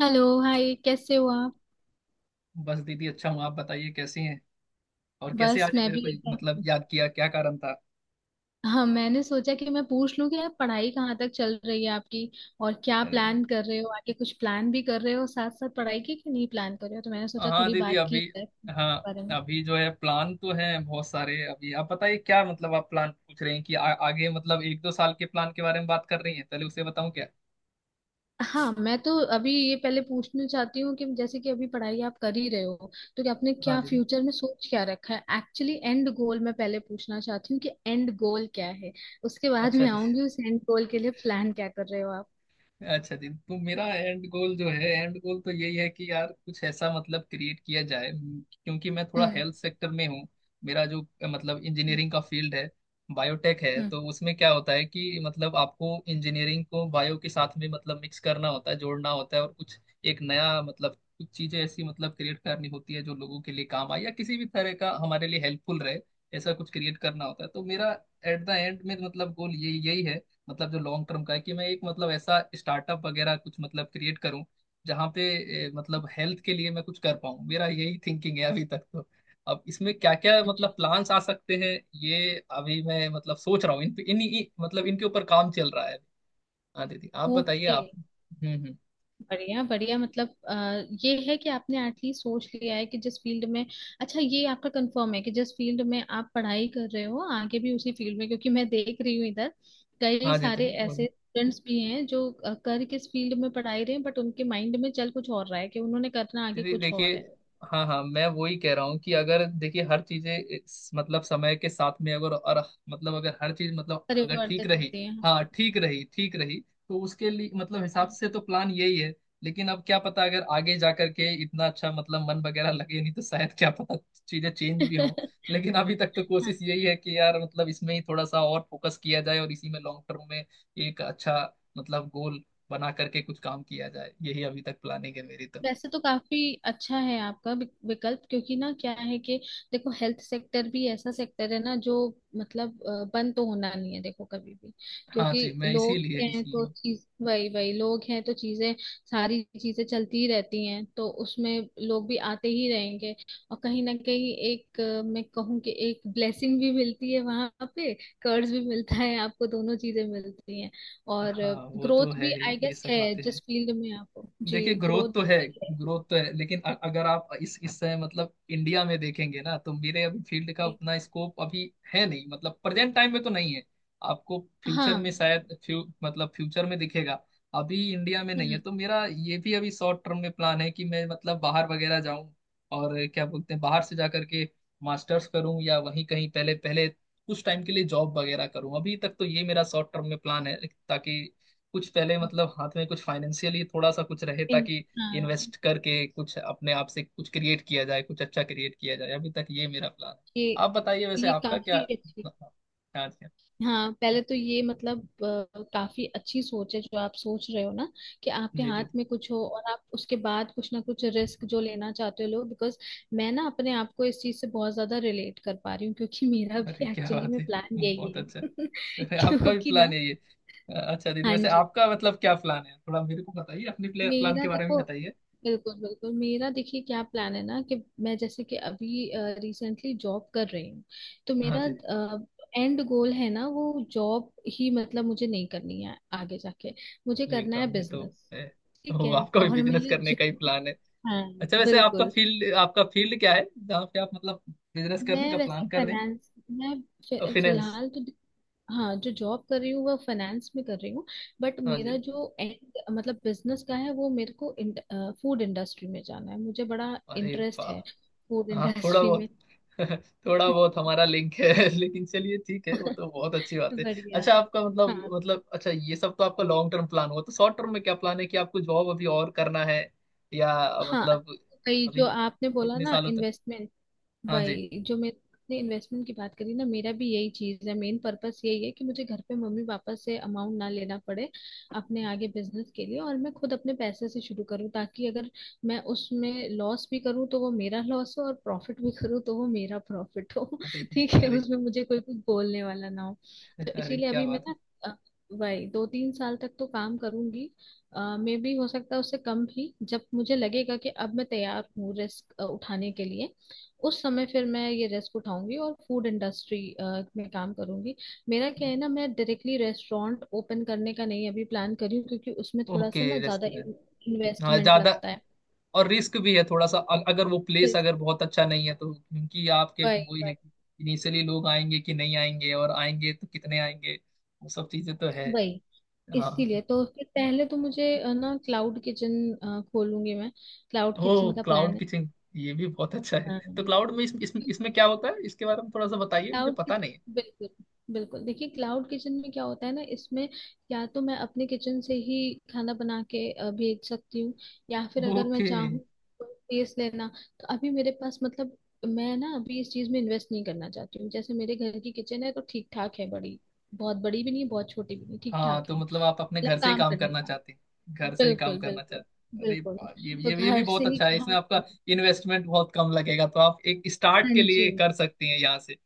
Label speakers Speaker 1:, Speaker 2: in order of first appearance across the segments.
Speaker 1: Hello, hi, कैसे हो आप?
Speaker 2: बस दीदी अच्छा हूँ। आप बताइए कैसी हैं। और कैसे
Speaker 1: बस
Speaker 2: आज
Speaker 1: मैं
Speaker 2: मेरे
Speaker 1: भी
Speaker 2: को मतलब
Speaker 1: एकदम।
Speaker 2: याद किया, क्या कारण था।
Speaker 1: हाँ, मैंने सोचा कि मैं पूछ लूं कि आप पढ़ाई कहाँ तक चल रही है आपकी, और क्या
Speaker 2: अरे जी।
Speaker 1: प्लान कर रहे हो आगे? कुछ प्लान भी कर रहे हो साथ साथ पढ़ाई की कि नहीं प्लान कर रहे हो, तो मैंने सोचा
Speaker 2: हाँ
Speaker 1: थोड़ी
Speaker 2: दीदी
Speaker 1: बात
Speaker 2: अभी।
Speaker 1: की जाए इस
Speaker 2: हाँ
Speaker 1: बारे में।
Speaker 2: अभी जो है प्लान तो है बहुत सारे। अभी आप बताइए, क्या मतलब आप प्लान पूछ रहे हैं कि आगे मतलब एक दो साल के प्लान के बारे में बात कर रही हैं, पहले उसे बताऊं क्या।
Speaker 1: हाँ, मैं तो अभी ये पहले पूछना चाहती हूँ कि जैसे कि अभी पढ़ाई आप कर ही रहे हो, तो कि आपने
Speaker 2: हाँ
Speaker 1: क्या
Speaker 2: दीदी।
Speaker 1: फ्यूचर में सोच क्या रखा है एक्चुअली। एंड गोल मैं पहले पूछना चाहती हूँ कि एंड गोल क्या है। उसके बाद
Speaker 2: अच्छा
Speaker 1: मैं
Speaker 2: दीदी।
Speaker 1: आऊंगी उस एंड गोल के लिए प्लान क्या कर रहे हो आप।
Speaker 2: अच्छा जी, तो मेरा एंड गोल जो है, एंड गोल तो यही है कि यार कुछ ऐसा मतलब क्रिएट किया जाए क्योंकि मैं थोड़ा हेल्थ सेक्टर में हूँ। मेरा जो मतलब इंजीनियरिंग का फील्ड है, बायोटेक है,
Speaker 1: हम्म।
Speaker 2: तो उसमें क्या होता है कि मतलब आपको इंजीनियरिंग को बायो के साथ में मतलब मिक्स करना होता है, जोड़ना होता है, और कुछ एक नया मतलब कुछ चीजें ऐसी मतलब क्रिएट करनी होती है जो लोगों के लिए काम आए या किसी भी तरह का हमारे लिए हेल्पफुल रहे। ऐसा कुछ क्रिएट करना होता है। तो मेरा एट द एंड में मतलब गोल यही यही है। मतलब जो लॉन्ग टर्म का है कि मैं एक मतलब ऐसा स्टार्टअप वगैरह कुछ मतलब क्रिएट करूं, जहां पे मतलब हेल्थ के लिए मैं कुछ कर पाऊं। मेरा यही थिंकिंग है अभी तक तो। अब इसमें क्या क्या मतलब
Speaker 1: अच्छा।
Speaker 2: प्लान्स आ सकते हैं, ये अभी मैं मतलब सोच रहा हूँ। इन पे इन मतलब इनके ऊपर काम चल रहा है। हाँ दीदी आप बताइए
Speaker 1: ओके।
Speaker 2: आप। हम्म।
Speaker 1: बढ़िया बढ़िया, मतलब ये है कि आपने एटलीस्ट सोच लिया है कि जिस फील्ड में। अच्छा, ये आपका कंफर्म है कि जिस फील्ड में आप पढ़ाई कर रहे हो आगे भी उसी फील्ड में? क्योंकि मैं देख रही हूँ इधर कई
Speaker 2: हाँ जी
Speaker 1: सारे
Speaker 2: दीदी
Speaker 1: ऐसे
Speaker 2: बोलिए।
Speaker 1: स्टूडेंट्स भी हैं जो कर किस फील्ड में पढ़ाई रहे हैं बट उनके माइंड में चल कुछ और रहा है कि उन्होंने करना आगे
Speaker 2: दीदी
Speaker 1: कुछ
Speaker 2: देखिए।
Speaker 1: और है।
Speaker 2: हाँ हाँ मैं वही कह रहा हूँ कि अगर देखिए हर चीजें मतलब समय के साथ में अगर और मतलब अगर हर चीज मतलब अगर ठीक
Speaker 1: परिवर्तित
Speaker 2: रही।
Speaker 1: होते हैं।
Speaker 2: हाँ ठीक रही ठीक रही। तो उसके लिए मतलब हिसाब
Speaker 1: हम्म।
Speaker 2: से तो प्लान यही है। लेकिन अब क्या पता, अगर आगे जा करके इतना अच्छा मतलब मन वगैरह लगे नहीं, तो शायद क्या पता चीजें चेंज भी हो। लेकिन अभी तक तो कोशिश यही है कि यार मतलब इसमें ही थोड़ा सा और फोकस किया जाए और इसी में लॉन्ग टर्म में एक अच्छा मतलब गोल बना करके कुछ काम किया जाए। यही अभी तक प्लानिंग है मेरी तो।
Speaker 1: वैसे तो काफी अच्छा है आपका विकल्प, क्योंकि ना क्या है कि देखो हेल्थ सेक्टर भी ऐसा सेक्टर है ना जो, मतलब बंद तो होना नहीं है देखो कभी भी।
Speaker 2: हाँ
Speaker 1: क्योंकि
Speaker 2: जी मैं
Speaker 1: लोग
Speaker 2: इसीलिए
Speaker 1: हैं तो
Speaker 2: इसीलिए।
Speaker 1: चीज वही वही, लोग हैं तो चीजें, सारी चीजें चलती ही रहती हैं तो उसमें लोग भी आते ही रहेंगे। और कहीं ना कहीं एक मैं कहूँ कि एक ब्लेसिंग भी मिलती है वहां पे। कर्ज भी मिलता है आपको, दोनों चीजें मिलती हैं। और
Speaker 2: हाँ वो तो
Speaker 1: ग्रोथ
Speaker 2: है
Speaker 1: भी
Speaker 2: ही,
Speaker 1: आई
Speaker 2: ये
Speaker 1: गेस
Speaker 2: सब
Speaker 1: है,
Speaker 2: बातें हैं।
Speaker 1: जिस फील्ड में आप हो जी,
Speaker 2: देखिए ग्रोथ
Speaker 1: ग्रोथ
Speaker 2: तो है,
Speaker 1: भी है।
Speaker 2: ग्रोथ तो है, लेकिन अगर आप इस समय मतलब इंडिया में देखेंगे ना, तो मेरे अभी फील्ड का
Speaker 1: जी।
Speaker 2: उतना स्कोप अभी है नहीं। मतलब प्रेजेंट टाइम में तो नहीं है। आपको फ्यूचर में
Speaker 1: हाँ।
Speaker 2: शायद फ्यू मतलब फ्यूचर में दिखेगा। अभी इंडिया में नहीं है,
Speaker 1: हम्म।
Speaker 2: तो मेरा ये भी अभी शॉर्ट टर्म में प्लान है कि मैं मतलब बाहर वगैरह जाऊं। और क्या बोलते हैं, बाहर से जा करके मास्टर्स करूं या वहीं कहीं पहले पहले कुछ टाइम के लिए जॉब वगैरह करूं। अभी तक तो ये मेरा शॉर्ट टर्म में प्लान है, ताकि कुछ पहले मतलब हाथ में कुछ फाइनेंशियली थोड़ा सा कुछ रहे,
Speaker 1: इन।
Speaker 2: ताकि
Speaker 1: हाँ
Speaker 2: इन्वेस्ट करके कुछ अपने आप से कुछ क्रिएट किया जाए, कुछ अच्छा क्रिएट किया जाए। अभी तक ये मेरा प्लान
Speaker 1: ये
Speaker 2: है। आप बताइए, वैसे
Speaker 1: ये
Speaker 2: आपका क्या
Speaker 1: काफी अच्छी,
Speaker 2: क्या क्या।
Speaker 1: हाँ पहले तो ये मतलब काफी अच्छी सोच है जो आप सोच रहे हो ना कि
Speaker 2: जी
Speaker 1: आपके हाथ
Speaker 2: दीदी।
Speaker 1: में कुछ हो और आप उसके बाद कुछ ना कुछ रिस्क जो लेना चाहते हो लो, बिकॉज मैं ना अपने आप को इस चीज से बहुत ज्यादा रिलेट कर पा रही हूँ क्योंकि मेरा
Speaker 2: अरे
Speaker 1: भी
Speaker 2: क्या
Speaker 1: एक्चुअली
Speaker 2: बात
Speaker 1: में
Speaker 2: है,
Speaker 1: प्लान यही
Speaker 2: बहुत
Speaker 1: है।
Speaker 2: अच्छा। अरे आपका भी
Speaker 1: क्योंकि
Speaker 2: प्लान
Speaker 1: ना
Speaker 2: है ये। अच्छा दीदी,
Speaker 1: हाँ
Speaker 2: वैसे
Speaker 1: जी
Speaker 2: आपका मतलब क्या प्लान है, थोड़ा मेरे को बताइए, अपने प्लान
Speaker 1: मेरा
Speaker 2: के बारे में
Speaker 1: देखो
Speaker 2: बताइए।
Speaker 1: बिल्कुल बिल्कुल, मेरा देखिए क्या प्लान है ना कि मैं जैसे कि अभी रिसेंटली जॉब कर रही हूँ, तो
Speaker 2: हाँ
Speaker 1: मेरा
Speaker 2: दीदी।
Speaker 1: एंड गोल है ना वो, जॉब ही मतलब मुझे नहीं करनी है आगे जाके, मुझे
Speaker 2: ये
Speaker 1: करना है
Speaker 2: एकदम, ये तो
Speaker 1: बिजनेस।
Speaker 2: है।
Speaker 1: ठीक
Speaker 2: तो
Speaker 1: है।
Speaker 2: आपका भी
Speaker 1: और मैं
Speaker 2: बिजनेस
Speaker 1: ये
Speaker 2: करने
Speaker 1: जो,
Speaker 2: का ही प्लान है।
Speaker 1: हाँ,
Speaker 2: अच्छा, वैसे आपका
Speaker 1: बिल्कुल।
Speaker 2: फील्ड, आपका फील्ड क्या है जहाँ पे आप मतलब बिजनेस करने
Speaker 1: मैं
Speaker 2: का
Speaker 1: वैसे
Speaker 2: प्लान कर रहे
Speaker 1: फाइनेंस मैं
Speaker 2: हैं। फाइनेंस।
Speaker 1: फिलहाल तो हाँ जो जॉब कर रही हूँ वह फाइनेंस में कर रही हूँ, बट
Speaker 2: हाँ
Speaker 1: मेरा
Speaker 2: जी।
Speaker 1: जो end, मतलब बिजनेस का है वो मेरे को फूड इंडस्ट्री में जाना है, मुझे बड़ा
Speaker 2: अरे
Speaker 1: इंटरेस्ट है
Speaker 2: वाह।
Speaker 1: फूड
Speaker 2: हाँ थोड़ा
Speaker 1: इंडस्ट्री में।
Speaker 2: बहुत थोड़ा बहुत हमारा लिंक है लेकिन चलिए ठीक है, वो तो बहुत अच्छी बात है।
Speaker 1: बढ़िया।
Speaker 2: अच्छा आपका मतलब
Speaker 1: हाँ
Speaker 2: मतलब अच्छा ये सब तो आपका लॉन्ग टर्म प्लान हुआ, तो शॉर्ट टर्म में क्या प्लान है, कि आपको जॉब अभी और करना है या
Speaker 1: हाँ,
Speaker 2: मतलब
Speaker 1: तो कई
Speaker 2: अभी
Speaker 1: जो आपने बोला
Speaker 2: कितने
Speaker 1: ना
Speaker 2: सालों तक।
Speaker 1: इन्वेस्टमेंट,
Speaker 2: हाँ जी।
Speaker 1: वही जो मैं ने इन्वेस्टमेंट की बात करी ना, मेरा भी यही चीज है, मेन पर्पस यही है कि मुझे घर पे मम्मी पापा से अमाउंट ना लेना पड़े अपने आगे बिजनेस के लिए, और मैं खुद अपने पैसे से शुरू करूँ ताकि अगर मैं उसमें लॉस भी करूँ तो वो मेरा लॉस हो, और प्रॉफिट भी करूँ तो वो मेरा प्रॉफिट हो।
Speaker 2: अरे
Speaker 1: ठीक है,
Speaker 2: अरे
Speaker 1: उसमें मुझे कोई कुछ बोलने वाला ना हो। तो
Speaker 2: अरे
Speaker 1: इसीलिए
Speaker 2: क्या
Speaker 1: अभी मैं
Speaker 2: बात है।
Speaker 1: ना अ, वही 2 3 साल तक तो काम करूंगी। मे भी हो सकता है उससे कम भी, जब मुझे लगेगा कि अब मैं तैयार हूँ रिस्क उठाने के लिए उस समय फिर मैं ये रिस्क उठाऊंगी और फूड इंडस्ट्री में काम करूंगी। मेरा क्या है ना, मैं डायरेक्टली रेस्टोरेंट ओपन करने का नहीं अभी प्लान कर रही हूँ क्योंकि उसमें थोड़ा
Speaker 2: ओके
Speaker 1: सा ना ज्यादा
Speaker 2: रेस्टोरेंट। हाँ
Speaker 1: इन्वेस्टमेंट
Speaker 2: ज्यादा
Speaker 1: लगता है।
Speaker 2: और रिस्क भी है थोड़ा सा अगर वो
Speaker 1: तो
Speaker 2: प्लेस अगर बहुत अच्छा नहीं है तो, क्योंकि आपके
Speaker 1: वही
Speaker 2: वही है
Speaker 1: वही
Speaker 2: कि इनिशियली लोग आएंगे कि नहीं आएंगे, और आएंगे तो कितने आएंगे, वो सब चीजें तो है।
Speaker 1: वही,
Speaker 2: हाँ।
Speaker 1: इसीलिए तो फिर पहले तो मुझे ना क्लाउड किचन खोलूंगी मैं। क्लाउड
Speaker 2: ओ
Speaker 1: किचन का प्लान
Speaker 2: क्लाउड
Speaker 1: है।
Speaker 2: किचन, ये भी बहुत अच्छा है।
Speaker 1: हाँ।
Speaker 2: तो क्लाउड में इसमें क्या होता है इसके बारे में थोड़ा सा बताइए, मुझे
Speaker 1: क्लाउड
Speaker 2: पता नहीं है।
Speaker 1: बिल्कुल बिल्कुल, देखिए क्लाउड किचन में क्या होता है ना, इसमें या तो मैं अपने किचन से ही खाना बना के भेज सकती हूँ, या फिर अगर मैं
Speaker 2: ओके।
Speaker 1: चाहूँ टेस्ट लेना, तो अभी मेरे पास मतलब मैं ना अभी इस चीज में इन्वेस्ट नहीं करना चाहती हूँ। जैसे मेरे घर की किचन है तो ठीक ठाक है, बड़ी, बहुत बड़ी भी नहीं बहुत छोटी भी नहीं, ठीक
Speaker 2: हाँ
Speaker 1: ठाक
Speaker 2: तो
Speaker 1: है,
Speaker 2: मतलब आप अपने
Speaker 1: मतलब
Speaker 2: घर से ही
Speaker 1: काम
Speaker 2: काम
Speaker 1: करने
Speaker 2: करना
Speaker 1: लायक।
Speaker 2: चाहते हैं, घर से ही काम
Speaker 1: बिल्कुल
Speaker 2: करना चाहते
Speaker 1: बिल्कुल
Speaker 2: हैं। अरे
Speaker 1: बिल्कुल,
Speaker 2: वाह, ये
Speaker 1: तो
Speaker 2: ये ये भी
Speaker 1: घर से
Speaker 2: बहुत
Speaker 1: ही
Speaker 2: अच्छा है। इसमें
Speaker 1: काम
Speaker 2: आपका
Speaker 1: करना।
Speaker 2: इन्वेस्टमेंट बहुत कम लगेगा, तो आप एक स्टार्ट
Speaker 1: हाँ
Speaker 2: के
Speaker 1: जी।
Speaker 2: लिए कर सकते हैं यहाँ से।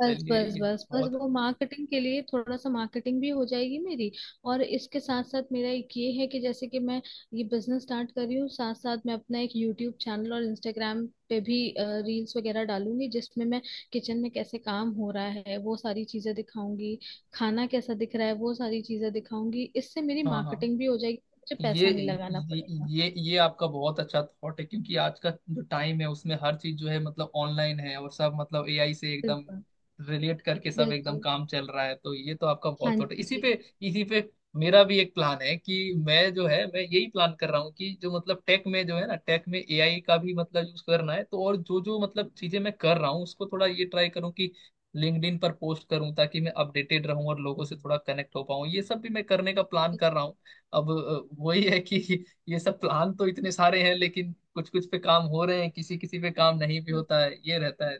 Speaker 1: बस
Speaker 2: चलिए
Speaker 1: बस
Speaker 2: ये
Speaker 1: बस बस
Speaker 2: बहुत।
Speaker 1: वो मार्केटिंग के लिए, थोड़ा सा मार्केटिंग भी हो जाएगी मेरी। और इसके साथ साथ मेरा एक ये है कि जैसे कि मैं ये बिजनेस स्टार्ट कर रही हूँ साथ साथ मैं अपना एक यूट्यूब चैनल और इंस्टाग्राम पे भी रील्स वगैरह डालूंगी, जिसमें मैं किचन में कैसे काम हो रहा है वो सारी चीजें दिखाऊंगी, खाना कैसा दिख रहा है वो सारी चीजें दिखाऊंगी, इससे मेरी
Speaker 2: हाँ हाँ।
Speaker 1: मार्केटिंग भी हो जाएगी, मुझे
Speaker 2: ये
Speaker 1: पैसा नहीं लगाना
Speaker 2: ये
Speaker 1: पड़ेगा।
Speaker 2: ये आपका बहुत अच्छा थॉट है, क्योंकि आज का जो टाइम है उसमें हर चीज जो है मतलब ऑनलाइन है, और सब मतलब एआई से एकदम
Speaker 1: बिल्कुल
Speaker 2: रिलेट करके सब एकदम
Speaker 1: बिल्कुल।
Speaker 2: काम चल रहा है, तो ये तो आपका
Speaker 1: हाँ
Speaker 2: बहुत थॉट है। इसी पे
Speaker 1: जी।
Speaker 2: इसी पे मेरा भी एक प्लान है, कि मैं जो है मैं यही प्लान कर रहा हूँ कि जो मतलब टेक में जो है ना, टेक में एआई का भी मतलब यूज करना है, तो और जो जो मतलब चीजें मैं कर रहा हूँ उसको थोड़ा ये ट्राई करूँ कि लिंक्डइन पर पोस्ट करूँ, ताकि मैं अपडेटेड रहूँ और लोगों से थोड़ा कनेक्ट हो पाऊँ। ये सब भी मैं करने का प्लान कर रहा हूँ। अब वही है कि ये सब प्लान तो इतने सारे हैं, लेकिन कुछ कुछ पे काम हो रहे हैं, किसी किसी पे काम नहीं भी होता है, ये रहता है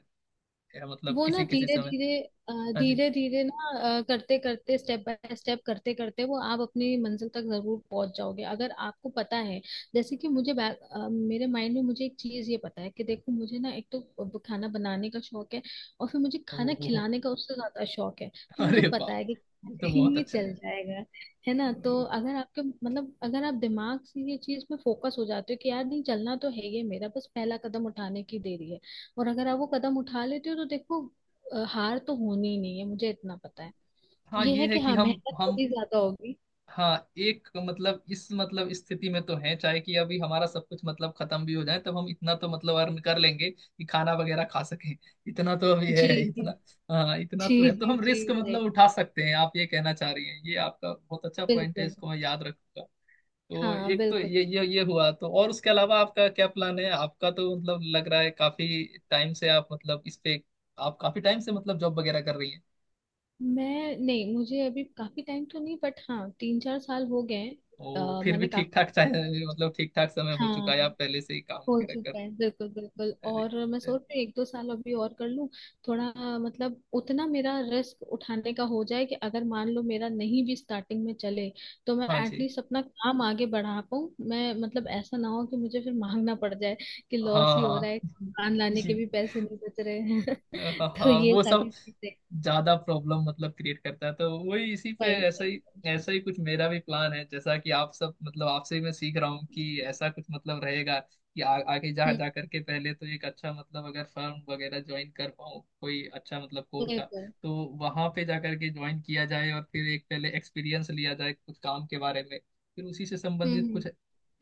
Speaker 2: क्या मतलब
Speaker 1: वो ना
Speaker 2: किसी किसी
Speaker 1: धीरे
Speaker 2: समय।
Speaker 1: धीरे
Speaker 2: हाँ जी।
Speaker 1: धीरे धीरे ना, करते करते स्टेप बाय स्टेप करते करते वो आप अपनी मंजिल तक जरूर पहुंच जाओगे, अगर आपको पता है। जैसे कि मुझे मेरे माइंड में मुझे एक चीज ये पता है कि देखो, मुझे ना एक तो खाना बनाने का शौक है, और फिर मुझे
Speaker 2: ओ,
Speaker 1: खाना
Speaker 2: ओ,
Speaker 1: खिलाने का उससे ज्यादा शौक है, तो मुझे
Speaker 2: अरे वाह,
Speaker 1: पता है कि
Speaker 2: ये तो बहुत
Speaker 1: ये
Speaker 2: अच्छा है।
Speaker 1: चल जाएगा। है ना?
Speaker 2: अ,
Speaker 1: तो अगर आपके मतलब अगर आप दिमाग से ये चीज में फोकस हो जाते हो कि यार नहीं, चलना तो है ये, मेरा बस पहला कदम उठाने की देरी है। और अगर आप वो कदम उठा लेते हो तो देखो हार तो होनी ही नहीं है, मुझे इतना पता है।
Speaker 2: हाँ
Speaker 1: ये
Speaker 2: ये
Speaker 1: है
Speaker 2: है
Speaker 1: कि
Speaker 2: कि
Speaker 1: हाँ,
Speaker 2: हम
Speaker 1: मेहनत
Speaker 2: हम।
Speaker 1: थोड़ी ज्यादा होगी।
Speaker 2: हाँ एक मतलब इस मतलब स्थिति में तो है, चाहे कि अभी हमारा सब कुछ मतलब खत्म भी हो जाए, तब हम इतना तो मतलब अर्न कर लेंगे कि खाना वगैरह खा सकें, इतना तो अभी है
Speaker 1: जी जी
Speaker 2: इतना। हाँ इतना तो
Speaker 1: जी
Speaker 2: है, तो
Speaker 1: जी
Speaker 2: हम रिस्क
Speaker 1: जी भाई।
Speaker 2: मतलब उठा सकते हैं, आप ये कहना चाह रही हैं, ये आपका बहुत अच्छा पॉइंट है,
Speaker 1: बिल्कुल।
Speaker 2: इसको मैं याद रखूंगा। तो
Speaker 1: हाँ
Speaker 2: एक तो
Speaker 1: बिल्कुल।
Speaker 2: ये हुआ, तो और उसके अलावा आपका क्या प्लान है, आपका तो मतलब लग रहा है काफी टाइम से आप मतलब इस पे, आप काफी टाइम से मतलब जॉब वगैरह कर रही हैं।
Speaker 1: मैं नहीं, मुझे अभी काफी टाइम तो नहीं, बट हाँ 3 4 साल हो गए हैं।
Speaker 2: ओ फिर भी
Speaker 1: मैंने
Speaker 2: ठीक
Speaker 1: काफी,
Speaker 2: ठाक, चाहे मतलब ठीक ठाक समय हो चुका
Speaker 1: हाँ
Speaker 2: है, आप पहले से ही काम
Speaker 1: हो
Speaker 2: वगैरह
Speaker 1: चुका
Speaker 2: कर।
Speaker 1: है बिल्कुल बिल्कुल,
Speaker 2: पहले,
Speaker 1: और मैं
Speaker 2: पहले।
Speaker 1: सोच रही हूँ 1 2 साल अभी और कर लूँ थोड़ा, मतलब उतना मेरा रिस्क उठाने का हो जाए कि अगर मान लो मेरा नहीं भी स्टार्टिंग में चले तो मैं
Speaker 2: हाँ जी।
Speaker 1: एटलीस्ट अपना काम आगे बढ़ा पाऊँ मैं, मतलब ऐसा ना हो कि मुझे फिर मांगना पड़ जाए कि लॉस
Speaker 2: हाँ
Speaker 1: ही हो रहा
Speaker 2: हाँ
Speaker 1: है दुकान लाने के
Speaker 2: जी।
Speaker 1: भी पैसे नहीं बच रहे हैं।
Speaker 2: हाँ
Speaker 1: तो
Speaker 2: हाँ,
Speaker 1: ये
Speaker 2: वो
Speaker 1: सारी
Speaker 2: सब
Speaker 1: चीजें
Speaker 2: ज्यादा प्रॉब्लम मतलब क्रिएट करता है, तो वही, इसी पे
Speaker 1: भाई भाई।
Speaker 2: ऐसा ही कुछ मेरा भी प्लान है, जैसा कि आप सब मतलब आपसे ही मैं सीख रहा हूँ, कि ऐसा कुछ मतलब रहेगा कि आगे जा
Speaker 1: हम्म।
Speaker 2: जा करके पहले तो एक अच्छा मतलब अगर फर्म वगैरह ज्वाइन कर पाऊँ कोई अच्छा मतलब कोर का,
Speaker 1: बिल्कुल।
Speaker 2: तो वहां पे जा करके ज्वाइन किया जाए और फिर एक पहले एक्सपीरियंस लिया जाए कुछ काम के बारे में, फिर उसी से संबंधित
Speaker 1: हम्म
Speaker 2: कुछ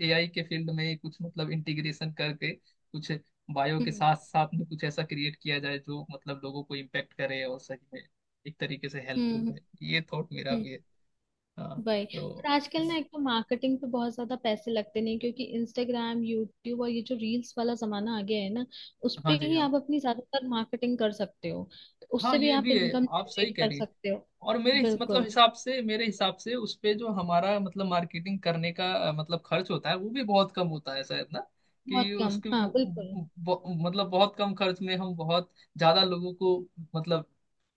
Speaker 2: एआई के फील्ड में कुछ मतलब इंटीग्रेशन करके कुछ बायो के
Speaker 1: हम्म
Speaker 2: साथ साथ में कुछ ऐसा क्रिएट किया जाए जो मतलब लोगों को इम्पेक्ट करे और सही में एक तरीके से
Speaker 1: हम्म
Speaker 2: हेल्पफुल
Speaker 1: हम्म
Speaker 2: रहे। ये थॉट मेरा
Speaker 1: हम्म।
Speaker 2: भी है। हाँ।
Speaker 1: वही, और
Speaker 2: तो
Speaker 1: आजकल ना एक तो मार्केटिंग पे बहुत ज्यादा पैसे लगते नहीं क्योंकि इंस्टाग्राम यूट्यूब और ये जो रील्स वाला जमाना आ गया है ना, उस
Speaker 2: हाँ
Speaker 1: पे
Speaker 2: जी।
Speaker 1: ही
Speaker 2: हाँ
Speaker 1: आप अपनी ज्यादातर मार्केटिंग कर सकते हो, तो
Speaker 2: हाँ
Speaker 1: उससे भी
Speaker 2: ये
Speaker 1: आप
Speaker 2: भी है,
Speaker 1: इनकम
Speaker 2: आप सही
Speaker 1: जनरेट
Speaker 2: कह
Speaker 1: कर
Speaker 2: रही हैं।
Speaker 1: सकते हो।
Speaker 2: और मेरे मतलब
Speaker 1: बिल्कुल
Speaker 2: हिसाब से, मेरे हिसाब से उस पे जो हमारा मतलब मार्केटिंग करने का मतलब खर्च होता है वो भी बहुत कम होता है शायद ना,
Speaker 1: बहुत
Speaker 2: कि
Speaker 1: कम,
Speaker 2: उसके
Speaker 1: हाँ बिल्कुल।
Speaker 2: मतलब बहुत कम खर्च में हम बहुत ज्यादा लोगों को मतलब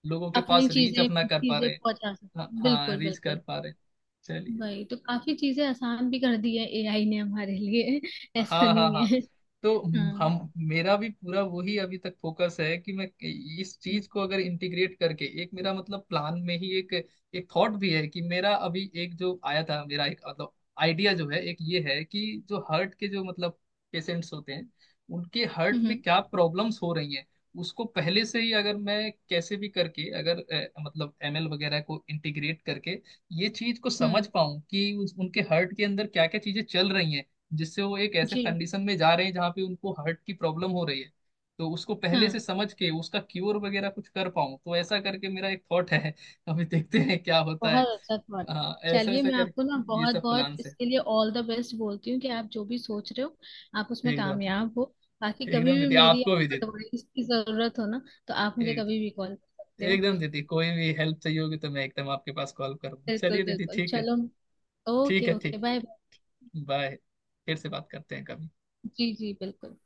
Speaker 2: लोगों के
Speaker 1: अपनी
Speaker 2: पास रीच
Speaker 1: चीजें
Speaker 2: अपना कर पा
Speaker 1: चीजें
Speaker 2: रहे हैं।
Speaker 1: पहुंचा सकते
Speaker 2: हाँ
Speaker 1: हो।
Speaker 2: हाँ
Speaker 1: बिल्कुल
Speaker 2: रीच कर
Speaker 1: बिल्कुल।
Speaker 2: पा रहे हैं। चलिए।
Speaker 1: वही तो काफी चीजें आसान भी कर दी है एआई ने हमारे लिए। ऐसा
Speaker 2: हाँ हाँ
Speaker 1: नहीं
Speaker 2: हाँ।
Speaker 1: है।
Speaker 2: तो
Speaker 1: हाँ।
Speaker 2: हम मेरा भी पूरा वही अभी तक फोकस है, कि मैं इस
Speaker 1: हम्म
Speaker 2: चीज को अगर इंटीग्रेट करके एक मेरा मतलब प्लान में ही एक एक थॉट भी है कि मेरा अभी एक जो आया था मेरा एक मतलब आइडिया जो है, एक ये है कि जो हार्ट के जो मतलब पेशेंट्स होते हैं, उनके हार्ट में
Speaker 1: हम्म
Speaker 2: क्या प्रॉब्लम्स हो रही हैं, उसको पहले से ही अगर मैं कैसे भी करके अगर मतलब एमएल वगैरह को इंटीग्रेट करके ये चीज को
Speaker 1: हम्म,
Speaker 2: समझ पाऊं कि उनके हार्ट के अंदर क्या क्या चीजें चल रही हैं, जिससे वो एक ऐसे
Speaker 1: जी
Speaker 2: कंडीशन में जा रहे हैं जहाँ पे उनको हार्ट की प्रॉब्लम हो रही है, तो उसको पहले से
Speaker 1: हाँ।
Speaker 2: समझ के उसका क्योर वगैरह कुछ कर पाऊँ, तो ऐसा करके मेरा एक थॉट है। अभी देखते हैं क्या होता है।
Speaker 1: बहुत अच्छा थॉट।
Speaker 2: हाँ ऐसा
Speaker 1: चलिए,
Speaker 2: ऐसा
Speaker 1: मैं आपको ना
Speaker 2: करके ये
Speaker 1: बहुत
Speaker 2: सब
Speaker 1: बहुत
Speaker 2: प्लान्स है।
Speaker 1: इसके लिए ऑल द बेस्ट बोलती हूँ कि आप जो भी सोच रहे हो आप उसमें
Speaker 2: एकदम
Speaker 1: कामयाब
Speaker 2: दीदी।
Speaker 1: हो। बाकी कभी
Speaker 2: एकदम
Speaker 1: भी
Speaker 2: दीदी
Speaker 1: मेरी
Speaker 2: आपको भी
Speaker 1: आपको
Speaker 2: दीदी।
Speaker 1: एडवाइस की जरूरत हो ना तो आप मुझे कभी भी
Speaker 2: एकदम।
Speaker 1: कॉल कर सकते हो।
Speaker 2: एकदम दीदी कोई भी हेल्प चाहिए होगी तो मैं एकदम आपके पास कॉल करूँगा।
Speaker 1: बिल्कुल
Speaker 2: चलिए दीदी
Speaker 1: बिल्कुल।
Speaker 2: ठीक है।
Speaker 1: चलो।
Speaker 2: ठीक
Speaker 1: ओके
Speaker 2: है
Speaker 1: ओके।
Speaker 2: ठीक।
Speaker 1: Bye bye.
Speaker 2: बाय। फिर से बात करते हैं कभी।
Speaker 1: जी जी बिल्कुल।